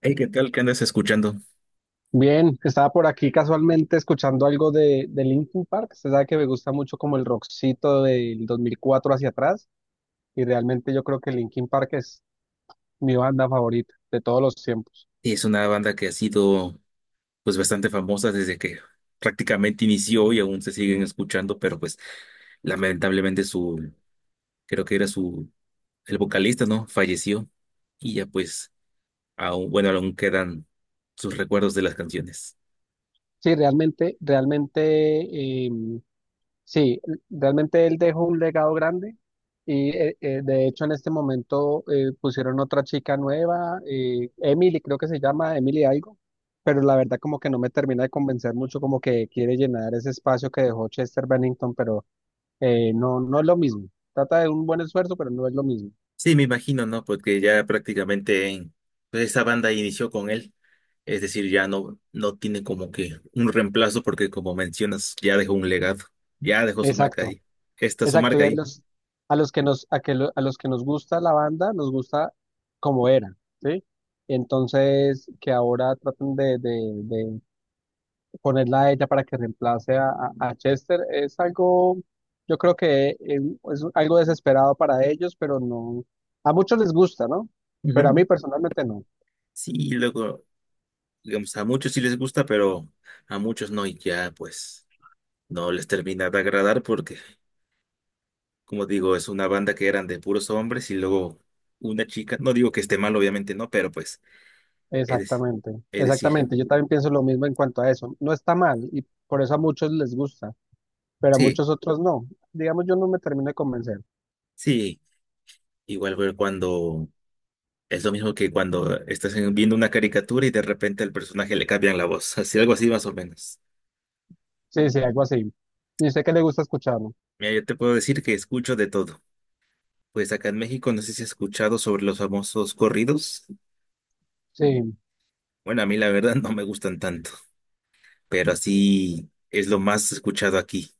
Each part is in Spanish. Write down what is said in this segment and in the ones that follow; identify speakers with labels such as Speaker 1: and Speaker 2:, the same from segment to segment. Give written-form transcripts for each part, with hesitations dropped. Speaker 1: Hey, ¿qué tal? ¿Qué andas escuchando?
Speaker 2: Bien, estaba por aquí casualmente escuchando algo de Linkin Park. Usted sabe que me gusta mucho como el rockcito del 2004 hacia atrás, y realmente yo creo que Linkin Park es mi banda favorita de todos los tiempos.
Speaker 1: Es una banda que ha sido pues bastante famosa desde que prácticamente inició y aún se siguen escuchando, pero pues lamentablemente su, creo que era su, el vocalista, ¿no? Falleció y ya pues aún, bueno, aún quedan sus recuerdos de las canciones.
Speaker 2: Sí, realmente em, sí, realmente él dejó un legado grande. Y de hecho en este momento pusieron otra chica nueva, Emily creo que se llama, Emily algo, pero la verdad como que no me termina de convencer mucho, como que quiere llenar ese espacio que dejó Chester Bennington, pero no, no es lo mismo. Trata de un buen esfuerzo, pero no es lo mismo.
Speaker 1: Sí, me imagino, ¿no? Porque ya prácticamente pues, esa banda inició con él, es decir, ya no, no tiene como que un reemplazo porque como mencionas, ya dejó un legado, ya dejó su marca
Speaker 2: Exacto,
Speaker 1: ahí. Esta es su
Speaker 2: exacto. Y
Speaker 1: marca ahí.
Speaker 2: a los que nos, a que lo- a los que nos gusta la banda, nos gusta como era, ¿sí? Entonces, que ahora traten de ponerla a ella para que reemplace a Chester, yo creo que es algo desesperado para ellos, pero no, a muchos les gusta, ¿no? Pero a mí
Speaker 1: Ujú.
Speaker 2: personalmente no.
Speaker 1: Sí, luego, digamos, a muchos sí les gusta, pero a muchos no, y ya pues no les termina de agradar porque, como digo, es una banda que eran de puros hombres y luego una chica, no digo que esté mal, obviamente no, pero pues, es decir,
Speaker 2: Exactamente,
Speaker 1: es decir,
Speaker 2: exactamente. Yo también pienso lo mismo en cuanto a eso. No está mal y por eso a muchos les gusta, pero a
Speaker 1: sí,
Speaker 2: muchos otros no. Digamos, yo no me termino de convencer.
Speaker 1: sí, igual fue cuando, es lo mismo que cuando estás viendo una caricatura y de repente al personaje le cambian la voz, así algo así más o menos.
Speaker 2: Sí, sí, algo así. Y sé que le gusta escucharlo.
Speaker 1: Mira, yo te puedo decir que escucho de todo. Pues acá en México, no sé si has escuchado sobre los famosos corridos.
Speaker 2: Sí.
Speaker 1: Bueno, a mí la verdad no me gustan tanto, pero así es lo más escuchado aquí.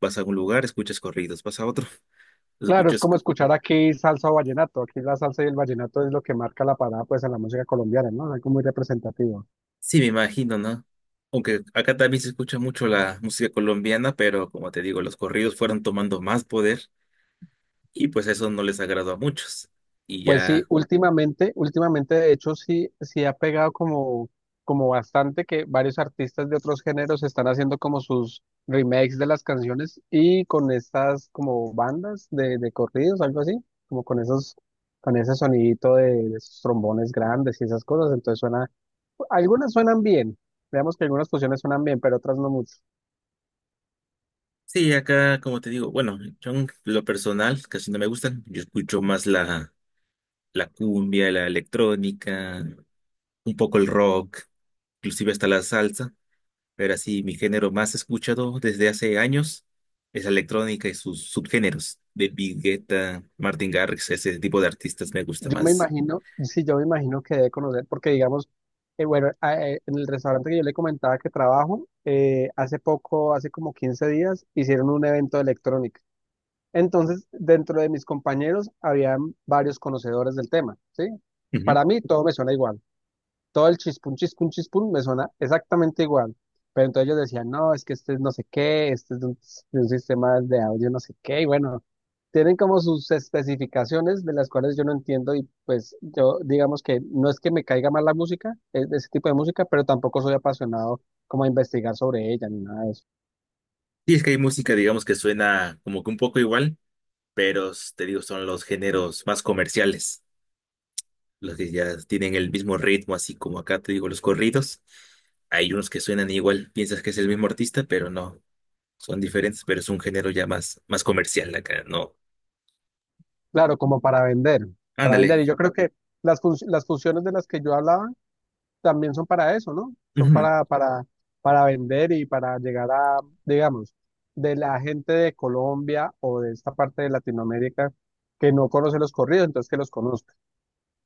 Speaker 1: Vas a un lugar, escuchas corridos, vas a otro,
Speaker 2: Claro, es
Speaker 1: escuchas...
Speaker 2: como escuchar aquí salsa o vallenato. Aquí la salsa y el vallenato es lo que marca la parada, pues, en la música colombiana, ¿no? Algo muy representativo.
Speaker 1: Sí, me imagino, ¿no? Aunque acá también se escucha mucho la música colombiana, pero como te digo, los corridos fueron tomando más poder y pues eso no les agradó a muchos. Y
Speaker 2: Pues sí,
Speaker 1: ya,
Speaker 2: últimamente, de hecho, sí, sí ha pegado como bastante que varios artistas de otros géneros están haciendo como sus remakes de las canciones, y con estas como bandas de corridos, algo así, como con esos, con ese sonidito de esos trombones grandes y esas cosas. Entonces algunas suenan bien. Veamos que algunas fusiones suenan bien, pero otras no mucho.
Speaker 1: sí, acá como te digo, bueno, yo en lo personal casi no me gustan, yo escucho más la cumbia, la electrónica, un poco el rock, inclusive hasta la salsa. Pero así, mi género más escuchado desde hace años es la electrónica y sus subgéneros. David Guetta, Martin Garrix, ese tipo de artistas me gusta más.
Speaker 2: Sí, yo me imagino que debe conocer, porque digamos, en el restaurante que yo le comentaba que trabajo, hace poco, hace como 15 días, hicieron un evento de electrónica. Entonces, dentro de mis compañeros, habían varios conocedores del tema, ¿sí?
Speaker 1: Ujú.
Speaker 2: Para mí, todo me suena igual. Todo el chispún, chispún, chispún me suena exactamente igual. Pero entonces ellos decían: no, es que este es no sé qué, este es de un sistema de audio no sé qué, y bueno, tienen como sus especificaciones de las cuales yo no entiendo, y pues yo digamos que no es que me caiga mal la música, ese tipo de música, pero tampoco soy apasionado como a investigar sobre ella ni nada de eso.
Speaker 1: Y es que hay música, digamos, que suena como que un poco igual, pero te digo, son los géneros más comerciales, los que ya tienen el mismo ritmo, así como acá te digo los corridos. Hay unos que suenan igual, piensas que es el mismo artista, pero no, son diferentes, pero es un género ya más, más comercial acá, ¿no?
Speaker 2: Claro, como para vender, para
Speaker 1: Ándale.
Speaker 2: vender. Y yo creo que las fusiones de las que yo hablaba también son para eso, ¿no? Son
Speaker 1: Ujú.
Speaker 2: para vender y para llegar a, digamos, de la gente de Colombia o de esta parte de Latinoamérica que no conoce los corridos, entonces que los conozca.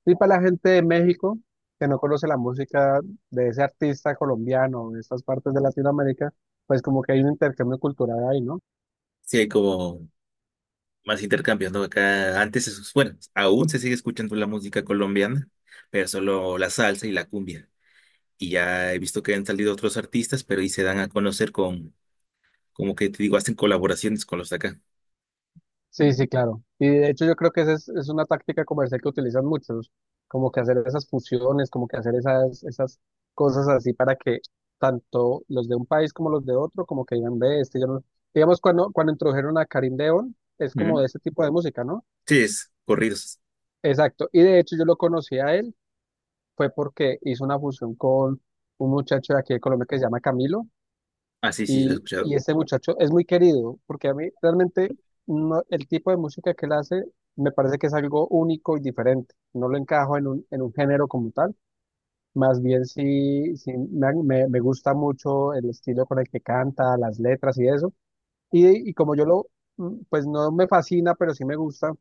Speaker 2: Y para la gente de México que no conoce la música de ese artista colombiano de estas partes de Latinoamérica, pues como que hay un intercambio cultural ahí, ¿no?
Speaker 1: Sí, hay como más intercambiando acá. Antes, bueno, aún se sigue escuchando la música colombiana, pero solo la salsa y la cumbia. Y ya he visto que han salido otros artistas, pero y se dan a conocer con, como que te digo, hacen colaboraciones con los de acá.
Speaker 2: Sí, sí, claro. Y de hecho yo creo que esa es una táctica comercial que utilizan muchos, como que hacer esas fusiones, como que hacer esas cosas así, para que tanto los de un país como los de otro, como que digan, ve, este yo no... Digamos, cuando introdujeron a Karim Deón, es como
Speaker 1: Ujú.
Speaker 2: de ese tipo de música, ¿no?
Speaker 1: Sí, es corridos.
Speaker 2: Exacto. Y de hecho yo lo conocí a él, fue porque hizo una fusión con un muchacho de aquí de Colombia que se llama Camilo.
Speaker 1: Ah, sí, sí, lo he
Speaker 2: Y,
Speaker 1: escuchado.
Speaker 2: y este muchacho es muy querido, porque a mí realmente el tipo de música que él hace me parece que es algo único y diferente. No lo encajo en un género como tal. Más bien sí, me gusta mucho el estilo con el que canta, las letras y eso. Y como yo lo, pues no me fascina, pero sí me gusta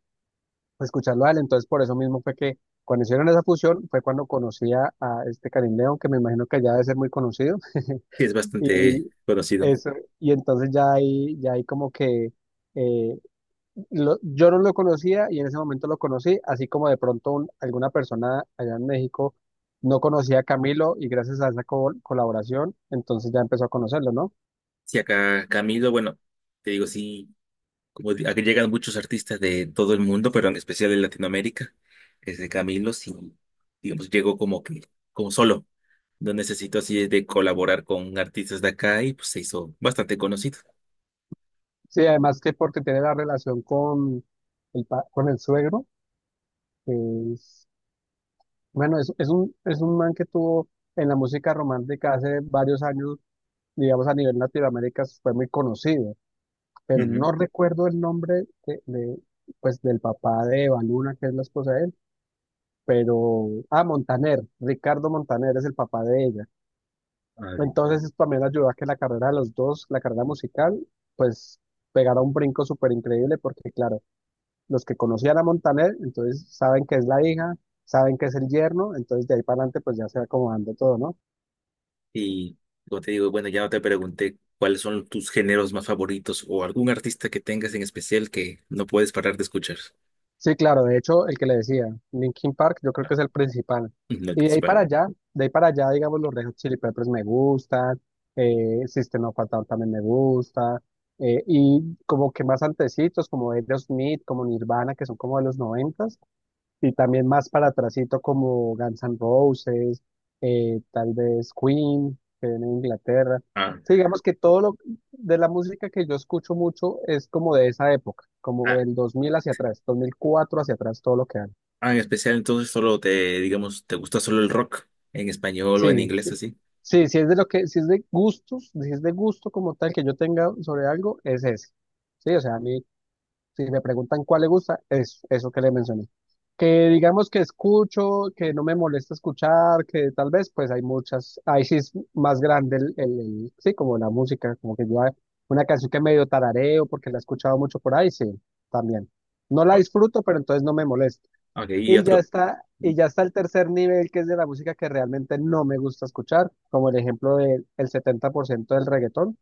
Speaker 2: escucharlo a él. Entonces por eso mismo fue que cuando hicieron esa fusión fue cuando conocía a este Karim León, que me imagino que ya debe ser muy conocido.
Speaker 1: Sí, es bastante
Speaker 2: Y
Speaker 1: conocido.
Speaker 2: eso, y entonces ya ahí como que eh, yo no lo conocía, y en ese momento lo conocí, así como de pronto alguna persona allá en México no conocía a Camilo, y gracias a esa colaboración, entonces ya empezó a conocerlo, ¿no?
Speaker 1: Sí, acá Camilo, bueno, te digo, sí. Como aquí llegan muchos artistas de todo el mundo, pero en especial de Latinoamérica, desde Camilo, sí, digamos, llegó como que, como solo. No necesito así de colaborar con artistas de acá y pues se hizo bastante conocido.
Speaker 2: Sí, además que porque tiene la relación con con el suegro, que es, bueno, es un man que tuvo en la música romántica hace varios años, digamos, a nivel Latinoamérica fue muy conocido. Pero
Speaker 1: Ujú.
Speaker 2: no recuerdo el nombre pues, del papá de Eva Luna, que es la esposa de él. Pero, ah, Montaner, Ricardo Montaner es el papá de ella.
Speaker 1: Ay,
Speaker 2: Entonces eso también ayudó a que la carrera de los dos, la carrera musical, pues pegara un brinco súper increíble, porque claro, los que conocían a Montaner, entonces saben que es la hija, saben que es el yerno, entonces de ahí para adelante pues ya se va acomodando todo, ¿no?
Speaker 1: y como te digo, bueno, ya no te pregunté cuáles son tus géneros más favoritos o algún artista que tengas en especial que no puedes parar de escuchar,
Speaker 2: Sí, claro, de hecho, el que le decía, Linkin Park, yo creo que es el principal.
Speaker 1: no el
Speaker 2: Y de ahí para
Speaker 1: principal.
Speaker 2: allá, de ahí para allá, digamos, los Red Hot Chili Peppers me gustan, System of a Down también me gusta, y como que más antecitos, como Aerosmith, como Nirvana, que son como de los 90, y también más para atrasito como Guns N' Roses, tal vez Queen, que viene de Inglaterra.
Speaker 1: Ah,
Speaker 2: Sí, digamos que todo lo de la música que yo escucho mucho es como de esa época, como
Speaker 1: ah,
Speaker 2: del 2000 hacia atrás, 2004 hacia atrás, todo lo que dan.
Speaker 1: ah, en especial entonces solo te, digamos, te gusta solo el rock en español o en
Speaker 2: Sí,
Speaker 1: inglés
Speaker 2: sí,
Speaker 1: así.
Speaker 2: sí, si es de lo que, si es de gustos, si es de gusto como tal que yo tenga sobre algo, es ese. Sí, o sea, a mí si me preguntan cuál le gusta, es eso que le mencioné. Que digamos que escucho, que no me molesta escuchar, que tal vez pues hay muchas, ahí sí es más grande el, sí, como la música, como que yo una canción que medio tarareo porque la he escuchado mucho por ahí, sí, también. No la disfruto, pero entonces no me molesta.
Speaker 1: Ok, y
Speaker 2: Y ya
Speaker 1: otro.
Speaker 2: está, y ya está el tercer nivel, que es de la música que realmente no me gusta escuchar, como el ejemplo del el 70% del reggaetón.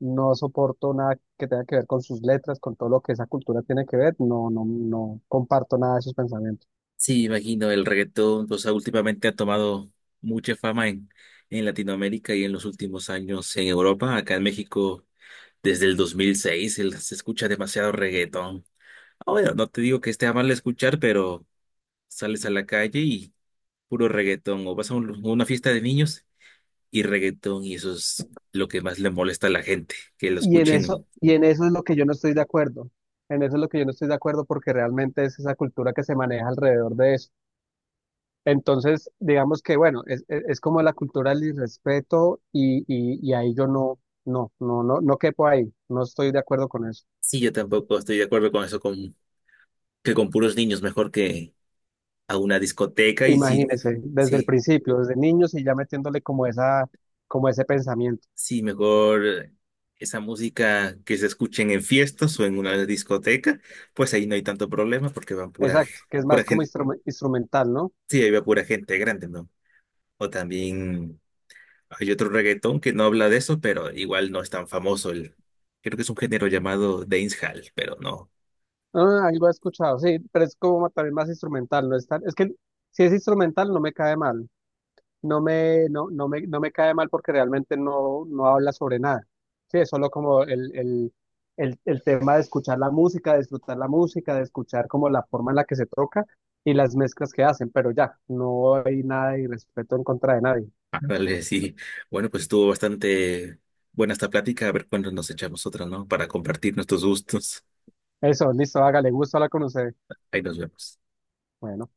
Speaker 2: No soporto nada que tenga que ver con sus letras, con todo lo que esa cultura tiene que ver. No, no, no comparto nada de sus pensamientos.
Speaker 1: Sí, imagino, el reggaetón, o sea, últimamente ha tomado mucha fama en Latinoamérica y en los últimos años en Europa. Acá en México, desde el 2006, se escucha demasiado reggaetón. Ah, bueno, no te digo que esté mal escuchar, pero sales a la calle y puro reggaetón, o vas a una fiesta de niños y reggaetón, y eso es lo que más le molesta a la gente, que lo
Speaker 2: Y en eso,
Speaker 1: escuchen.
Speaker 2: y en eso es lo que yo no estoy de acuerdo. En eso es lo que yo no estoy de acuerdo, porque realmente es esa cultura que se maneja alrededor de eso. Entonces, digamos que, bueno, es como la cultura del irrespeto, y ahí yo no quepo ahí. No estoy de acuerdo con eso.
Speaker 1: Sí, yo tampoco estoy de acuerdo con eso, con, que con puros niños, mejor que a una discoteca y sí,
Speaker 2: Imagínese, desde el
Speaker 1: sí,
Speaker 2: principio, desde niños, y ya metiéndole como ese pensamiento.
Speaker 1: sí, mejor esa música que se escuchen en fiestas o en una discoteca, pues ahí no hay tanto problema porque van pura,
Speaker 2: Exacto, que es
Speaker 1: pura
Speaker 2: más como
Speaker 1: gente,
Speaker 2: instrumental, ¿no?
Speaker 1: sí, ahí va pura gente grande, ¿no? O también hay otro reggaetón que no habla de eso, pero igual no es tan famoso el, creo que es un género llamado dancehall, pero no,
Speaker 2: Ah, algo he escuchado, sí, pero es como también más instrumental. No es es que si es instrumental no me cae mal, no me cae mal, porque realmente no, no habla sobre nada. Sí, es solo como el tema de escuchar la música, de disfrutar la música, de escuchar como la forma en la que se toca y las mezclas que hacen, pero ya, no hay nada de respeto en contra de nadie.
Speaker 1: ah, vale, sí. Bueno, pues estuvo bastante buena esta plática, a ver cuándo nos echamos otra, ¿no? Para compartir nuestros gustos.
Speaker 2: Eso, listo, hágale, gusto hablar con usted.
Speaker 1: Ahí nos vemos.
Speaker 2: Bueno.